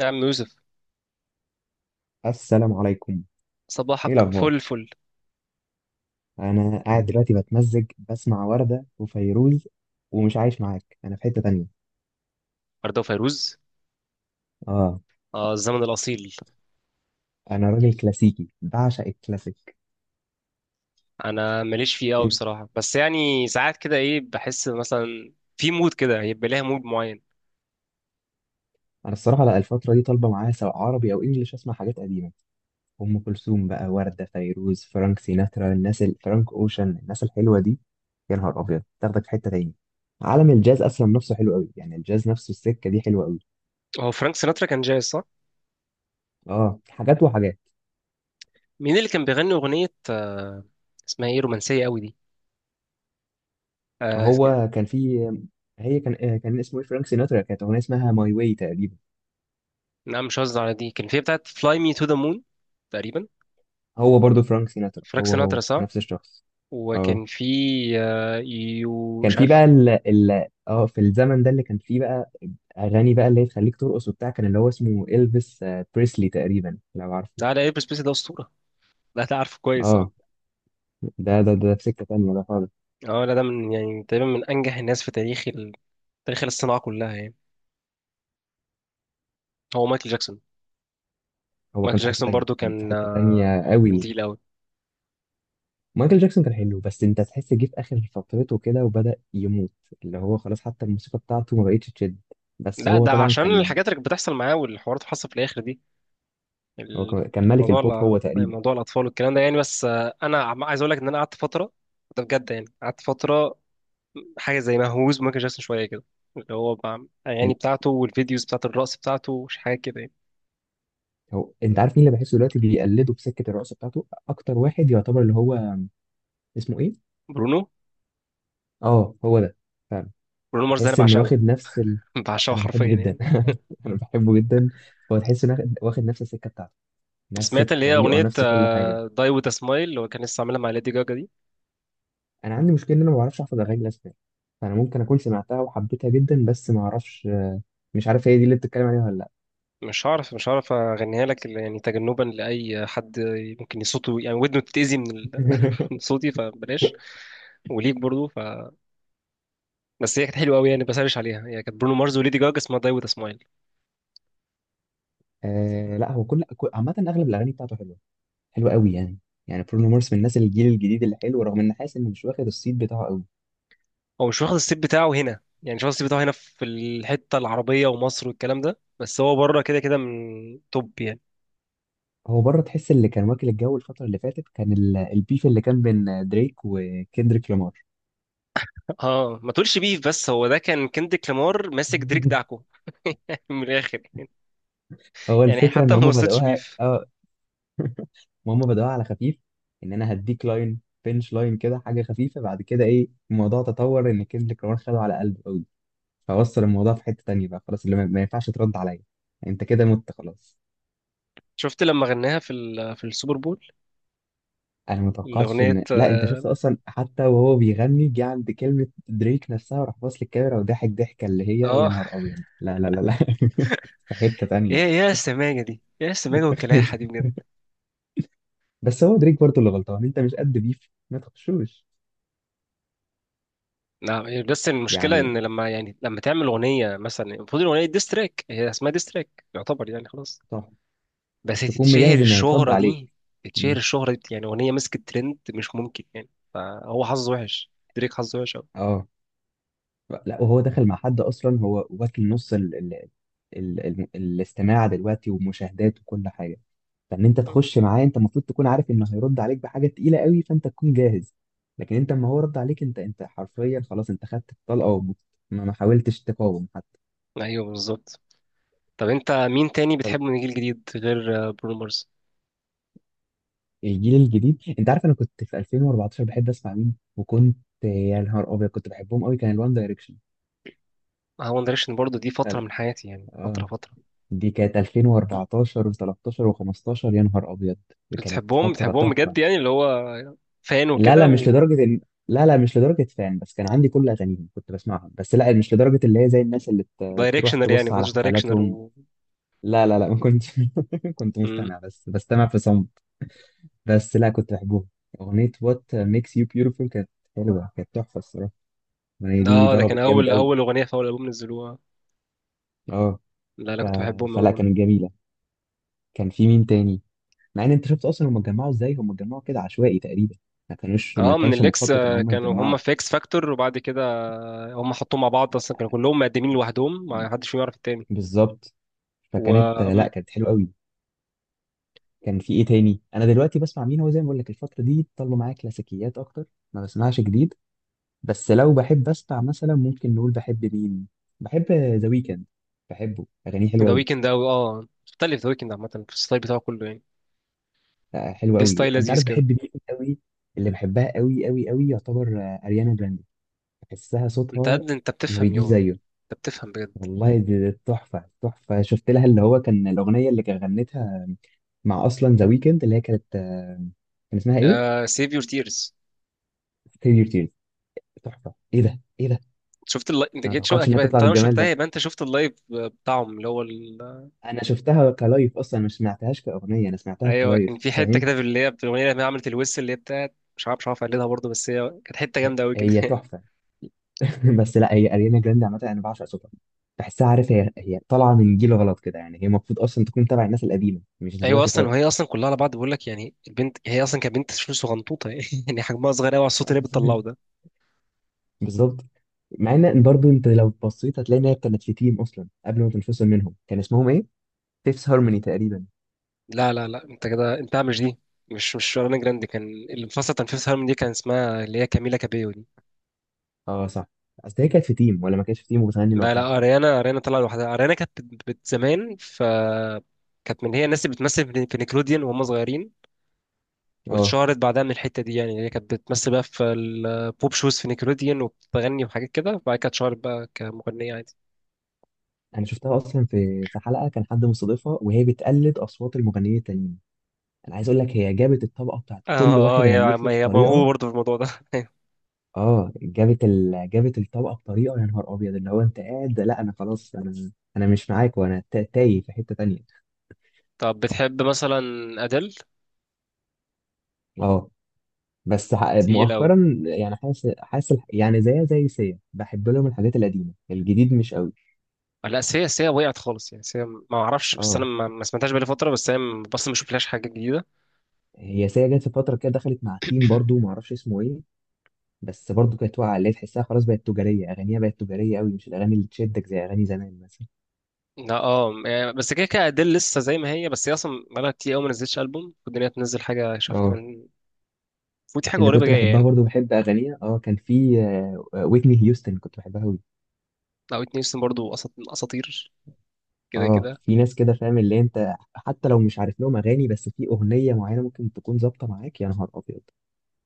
نعم، يوسف. السلام عليكم. ايه صباحك فل الاخبار؟ فل. انا قاعد دلوقتي بتمزج، بسمع وردة وفيروز، ومش عايش معاك، انا في حتة تانية. أرده فيروز. اه، آه، الزمن الأصيل. انا راجل كلاسيكي بعشق الكلاسيك. أنا ماليش فيه أوي انت، بصراحة، بس يعني ساعات كده إيه بحس مثلا في مود كده، هيبقى ليها مود معين. انا الصراحة لا، الفترة دي طالبة معايا سواء عربي او انجليش اسمع حاجات قديمة. ام كلثوم بقى، وردة، فيروز، فرانك سيناترا، الناس فرانك اوشن، الناس الحلوة دي. يا نهار ابيض تاخدك في حتة تاني. عالم الجاز اصلا نفسه حلو قوي، يعني الجاز نفسه، السكة دي حلوة قوي. هو فرانك سيناترا كان جاي، صح؟ اه، حاجات وحاجات. مين اللي كان بيغني أغنية اسمها إيه، رومانسية أوي دي؟ ما آه. هو كان في، هي كان كان اسمه ايه؟ فرانك سيناترا، كانت اغنيه اسمها ماي واي تقريبا. نعم، مش قصدي على دي، كان في بتاعة Fly Me to the Moon تقريبا. هو برضو فرانك سيناترا، فرانك هو سيناترا، صح؟ نفس الشخص. اه، وكان في يو، كان مش في عارف. بقى ال اه في الزمن ده اللي كان في بقى اغاني، بقى اللي هي تخليك ترقص وبتاع، كان اللي هو اسمه الفيس بريسلي تقريبا لو عارفه. لا، لا، إلبس بيس ده أسطورة. لا، ده عارفه كويس، اه. اه، ده في سكه تانيه ده خالص. اه، لا ده من يعني تقريبا من انجح الناس في تاريخ الصناعة كلها يعني. هو مايكل جاكسون. هو كان مايكل في حته جاكسون تانيه، برضو كان في كان حته آه، تانيه كان قوي. تقيل قوي. مايكل جاكسون كان حلو، بس انت تحس جه في اخر فترته كده وبدأ يموت، اللي هو خلاص حتى الموسيقى بتاعته ما بقتش تشد. بس لا، هو ده طبعا عشان كان، الحاجات اللي كانت بتحصل معاه والحوارات اللي حصل في الاخر دي هو كان، ملك الموضوع. البوب هو تقريبا. موضوع الاطفال والكلام ده يعني، بس انا عايز اقول لك ان انا قعدت فترة. ده بجد، يعني قعدت فترة. حاجة زي مهووس بمايكل جاكسون شوية كده. اللي هو الاغاني ال- بتاعته والفيديوز بتاعت الرقص بتاعته، مش حاجة كده يعني. هو انت عارف مين اللي بحسه دلوقتي بيقلده بسكه الرقصه بتاعته اكتر واحد يعتبر، اللي هو اسمه ايه؟ برونو. اه، هو ده فعلا. برونو مارس ده انا تحس انه بعشقه. واخد نفس بعشقه انا حرفيا بحبه جدا. يعني. انا بحبه جدا. هو تحس انه واخد نفس السكه بتاعته، نفس سمعت اللي هي الطريقه، اغنية نفس كل حاجه. داي وذ سمايل، اللي هو كان لسه عاملها مع ليدي جاجا دي؟ انا عندي مشكله ان انا ما بعرفش احفظ اغاني الاسباني، فانا ممكن اكون سمعتها وحبيتها جدا بس ما اعرفش، مش عارف هي دي اللي بتتكلم عليها ولا لا. مش هعرف اغنيها لك، إلا يعني تجنبا لاي حد ممكن صوته يعني ودنه تتاذي من من صوتي، فبلاش. وليك برضو بس هي كانت حلوه قوي يعني، بسرش عليها، هي كانت برونو مارز وليدي جاجا، اسمها داي وذ سمايل. آه لا، هو عامه اغلب الاغاني بتاعته حلوه، حلو قوي يعني. يعني برونو مارس من الناس الجيل الجديد اللي حلو، رغم ان حاسس انه مش واخد الصيت بتاعه قوي. هو مش واخد السيت بتاعه هنا، يعني مش واخد السيت بتاعه هنا في الحته العربيه ومصر والكلام ده، بس هو بره كده كده من توب يعني. هو بره، تحس اللي كان واكل الجو الفتره اللي فاتت كان البيف اللي كان بين دريك وكندريك لامار. اه، ما تقولش بيف، بس هو ده كان كندريك لامار ماسك دريك دعكو. من الاخر، هو يعني الفكره ان حتى ما هم وصلتش بدأوها، بيف. اه هم بدأوها على خفيف، ان انا هديك لاين بنش لاين كده حاجه خفيفه، بعد كده ايه، الموضوع تطور ان كندريك لامار خده على قلبه قوي، فوصل الموضوع في حته تانيه بقى خلاص، اللي ما ينفعش ترد عليا، انت كده مت خلاص. شفت لما غناها في في السوبر بول. انا ما توقعتش الأغنية. ان، لا انت شفت اصلا، حتى وهو بيغني جه عند كلمه دريك نفسها وراح باص للكاميرا وضحك ضحكه اللي هي يا اه. نهار ابيض لا لا لا لا. في حته ايه تانية. يا السماجه دي، ايه السماجه والكلاحه دي بجد. بس هو دريك برضه اللي غلطان، انت مش قد بيف ما تخشوش. لا، بس المشكله يعني ان لما تعمل اغنيه مثلا، المفروض الاغنيه ديستراك، هي اسمها ديستراك يعتبر يعني، خلاص. صح، بس تكون تتشهر مجهز ان هيترد الشهره عليك. دي تتشهر مم. الشهره دي يعني، اغنيه مسكت ترند مش ممكن يعني. فهو حظه وحش، دريك حظه وحش قوي. اه لا، وهو دخل مع حد اصلا، هو واكل نص الاستماع دلوقتي ومشاهدات وكل حاجه. فان انت تخش معاه انت المفروض تكون عارف انه هيرد عليك بحاجه تقيله قوي، فانت تكون جاهز. لكن انت اما هو رد عليك انت، حرفيا خلاص، انت خدت الطلقه ومت-، ما حاولتش تقاوم حتى. ايوه، بالظبط. طب انت مين تاني طب بتحبه من الجيل الجديد غير برونو مارس؟ الجيل الجديد، انت عارف انا كنت في 2014 بحب اسمع مين؟ وكنت يا نهار ابيض كنت بحبهم قوي، كان الوان دايركشن. اه، وان دايركشن برضه، دي فتره من حياتي يعني، اه، فتره فتره. دي كانت 2014 و13 و15، يا نهار ابيض دي كانت بتحبهم فتره بتحبهم تحفه. بجد يعني، اللي هو فان لا وكده؟ لا مش لدرجه ان، لا لا مش لدرجه فان، بس كان عندي كل اغانيهم كنت بسمعهم، بس لا مش لدرجه اللي هي زي الناس اللي تروح دايركشنر يعني، تبص ما على كنتش دايركشنر حفلاتهم. و... لا لا لا ما كنتش. كنت مم. مستمع بس، بستمع في صمت. بس لا كنت بحبهم. اغنيه وات ميكس يو بيوتيفول كانت حلوه، كانت تحفه الصراحه، الاغنيه دي اه، ده كان ضربت جامد اول قوي. اول اغنيه في اول البوم نزلوها. اه لا، انا ف... كنت بحبهم فلا أوي. كانت جميله. كان في مين تاني؟ مع ان انت شفت اصلا هم اتجمعوا ازاي، هم اتجمعوا كده عشوائي تقريبا، ما كانوش، ما اه، من كانش الاكس، مخطط ان هم كانوا يتجمعوا. هم في اكس فاكتور، وبعد كده هم حطوهم مع بعض، اصلا كانوا كلهم مقدمين لوحدهم، ما حدش فيهم يعرف التاني. بالظبط، و... فكانت مم. لا كانت حلوه قوي. كان في ايه تاني؟ انا دلوقتي بسمع مين؟ هو زي ما بقول لك الفتره دي طلعوا معايا كلاسيكيات اكتر، ما بسمعش جديد. بس لو بحب اسمع مثلا، ممكن نقول بحب مين؟ بحب ذا ويكند، بحبه اغانيه حلوه ذا قوي، ويكند اوي، اه مختلف ذا ويكند عامه في الستايل بتاعه كله يعني. حلوه ليه قوي. ستايل انت لذيذ عارف كده. بحب مين قوي؟ اللي بحبها قوي قوي قوي يعتبر اريانا جراندي. بحسها انت صوتها قد انت ما بتفهم بيجيش يابا، زيه. انت بتفهم بجد. والله، دي تحفة تحفة. شفت لها اللي هو كان الأغنية اللي كان غنتها مع أصلا ذا ويكند، اللي هي كانت كان اسمها إيه؟ آه، سيف يور تيرز. Save Your Tears، تحفة. إيه ده؟ إيه ده؟ شفت اللايف؟ انت أنا ما جيت شو توقعتش اكيد إنها بقى، تطلع طالما بالجمال شفتها ده. يبقى انت شفت اللايف بتاعهم، اللي هو... أنا شفتها كلايف أصلا، ما سمعتهاش كأغنية، أنا سمعتها ايوه، كان كلايف، في حته فاهم؟ كده، في اللي هي في الاغنيه اللي هي عملت الويس اللي هي بتاعت، مش عارف اقلدها برضه، بس هي كانت حته جامده قوي كده. هي تحفة. بس لا، هي أريانا جراندي عامة أنا بعشق صوتها، بحسها عارف هي، هي طالعة من جيل غلط كده، يعني هي المفروض أصلا تكون تبع الناس القديمة، مش ايوه، دلوقتي اصلا وهي خالص. اصلا كلها على بعض بقول لك يعني، البنت هي اصلا كانت بنت شو صغنطوطه. يعني حجمها صغير قوي على الصوت اللي هي بتطلعه ده. بالظبط. مع ان برضه انت لو بصيت هتلاقي ان هي كانت في تيم اصلا قبل ما تنفصل منهم، كان اسمهم ايه؟ فيفث هارموني تقريبا. لا، لا، لا، انت كده انت مش دي. مش اريانا جراندي كان اللي مفصل، تنفيذ الهرمون دي كان اسمها اللي هي كاميلا كابيو دي. اه صح، اصل هي كانت في تيم ولا ما كانتش في تيم وبتغني لا، لوحدها. لا، اريانا طلع لوحدها. اريانا كانت زمان ف، كانت من هي الناس اللي بتمثل في نيكلوديان وهم صغيرين. اه، واتشهرت بعدها من الحته دي، يعني هي كانت بتمثل بقى في البوب شوز في نيكلوديان، وبتغني وحاجات كده، وبعد كده اتشهرت بقى كمغنيه عادي. انا شفتها اصلا في في حلقه كان حد مستضيفها وهي بتقلد اصوات المغنيين التانيين. انا عايز اقول لك هي جابت الطبقه بتاعت اه. كل اه، واحد هي، غنت له هي موهوبه بطريقه. برضه في الموضوع ده. اه، جابت جابت الطبقه بطريقه يا نهار ابيض، اللي هو انت قاعد لا انا خلاص انا، انا مش معاك وانا تايه في حته تانيه. طب بتحب مثلا ادل؟ اه بس تقيل قوي. مؤخرا يعني، حاسس يعني زيها زي سيا، بحب لهم الحاجات القديمه، الجديد مش قوي. لا، سيا وقعت خالص يعني، سيا ما اعرفش، بس انا اه، ما سمعتهاش بقالي فتره، بس هي اصلا ما شفتلهاش حاجه جديده. هي سيا جت في فتره كده، دخلت مع تيم برضو ما اعرفش اسمه ايه، بس برضو كانت واقعه، اللي هي تحسها خلاص بقت تجاريه، اغانيها بقت تجاريه قوي، مش الاغاني اللي تشدك زي اغاني زمان مثلا. لا، اه يعني، بس كده كده، ادل لسه زي ما هي، بس هي اصلا بقالها كتير قوي ما نزلتش البوم، والدنيا تنزل حاجه شاف اه كمان. فوتي حاجه اللي قريبه كنت جايه بحبها يعني. برضو بحب اغانيها، اه كان في ويتني هيوستن كنت بحبها قوي. او اتنين سن برضه، اساطير كده اه كده. في ناس كده فاهم، اللي انت حتى لو مش عارف لهم اغاني بس في اغنيه معينه ممكن تكون ظابطه معاك يا نهار ابيض،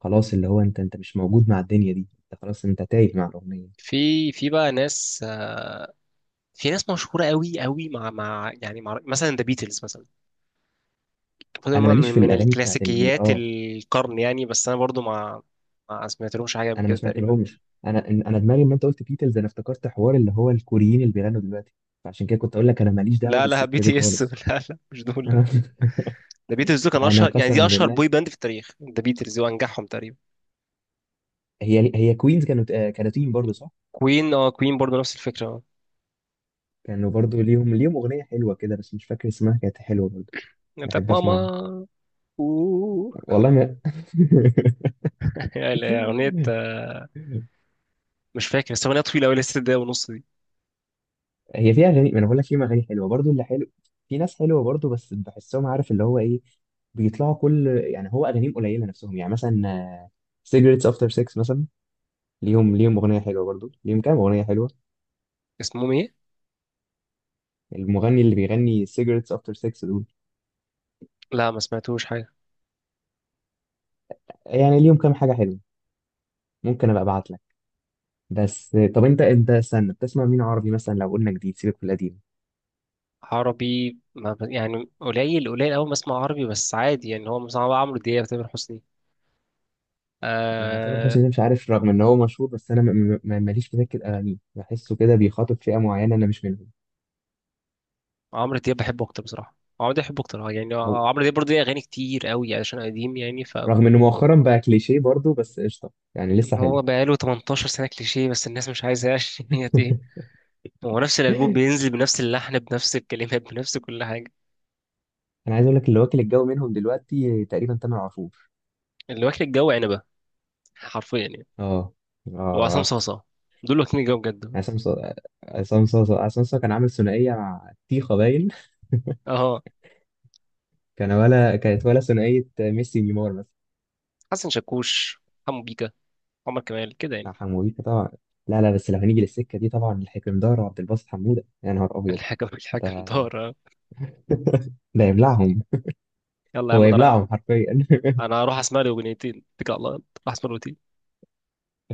خلاص اللي هو انت، مش موجود مع الدنيا دي، انت خلاص انت تايه مع الاغنيه. في بقى ناس، في ناس مشهوره قوي قوي، مع مثلا ذا بيتلز مثلا. المفروض إن انا هم ماليش من في من الاغاني بتاعت الكلاسيكيات اه القرن يعني، بس انا برضو ما سمعتلهمش حاجه قبل انا ما كده سمعت تقريبا. لهمش. انا، انا دماغي لما انت قلت بيتلز انا افتكرت حوار اللي هو الكوريين اللي بيغنوا دلوقتي، فعشان كده كنت اقول لك انا ماليش دعوه لا، لا. بي بالسكه دي تي اس. خالص. لا، لا، مش دول، لا. انا، ذا بيتلز دول كان انا اشهر يعني، دي قسما اشهر بالله. بوي باند في التاريخ، ذا بيتلز وانجحهم تقريبا. هي، هي كوينز كانوا، كانوا تيم برضه صح؟ كوين، اه كوين برضو نفس الفكره، اه. كانوا برضه ليهم، اغنيه حلوه كده بس مش فاكر اسمها، كانت حلوه برضه، يعني بتاعت بحب اسمعها. ماما. اوه. والله ما. يعني اغنيه، مش فاكر، بس اغنيه طويله قوي، لسه دقيقه ونص دي. هي فيها اغاني، ما انا بقول لك في اغاني حلوه برضو اللي حلو، في ناس حلوه برضو بس بحسهم عارف اللي هو ايه، بيطلعوا كل يعني هو اغانيهم قليله نفسهم، يعني مثلا سيجرتس افتر 6 مثلا، ليهم، اغنيه حلوه برضو، ليهم كام اغنيه حلوه. اسمهم ايه؟ المغني اللي بيغني سيجرتس افتر 6 دول، لا، ما سمعتوش حاجه. يعني ليهم كام حاجه حلوه، ممكن ابقى ابعت لك. بس طب انت، استنى، بتسمع مين عربي مثلا لو قلنا جديد، سيبك من القديم؟ عربي ما ب... يعني قليل قليل أوي ما اسمع عربي، بس عادي يعني، هو مثلا عمرو دياب، تامر حسني. يعني تامر آه. حسني ده مش عارف، رغم ان هو مشهور بس انا ماليش في سكه اغانيه، بحسه كده بيخاطب فئه معينه انا مش منهم. عمرو دياب بحبه أكتر بصراحة، عمرو دياب بحبه أكتر، آه، يعني او، آه، عمرو دياب برضه ليه أغاني كتير أوي عشان قديم يعني ف... رغم انه مؤخرا بقى كليشيه برضه بس قشطه يعني يعني لسه حلو. هو بقاله 18 سنة كليشيه، بس الناس مش عايزة. عشان هي ايه؟ هو نفس الألبوم بينزل بنفس اللحن بنفس الكلمات بنفس كل حاجة. انا عايز اقول لك اللي واكل الجو منهم دلوقتي تقريبا تامر عاشور. اللي واكل الجو عنبة، حرفيا يعني. اه. وعصام اه. صاصا، دول واكلين الجو بجد. عصام صا- عصام صاصا، عصام صاصا كان عامل ثنائيه مع تيخا باين. اه، كان ولا كانت ولا ثنائيه ميسي نيمار مثلا. حسن شاكوش، حمو بيكا، عمر كمال كده مع يعني. حموديكا طبعا. لا لا، بس لو هنيجي للسكه دي طبعا الحكندار وعبد الباسط حموده يا نهار ابيض، الحكم الحكم ده دار. ده يبلعهم، يلا يا هو عم، يبلعهم حرفيا. انا هروح اسمع لي اغنيتين، اتكل على الله يلا. راح اسمع لي اغنيتين.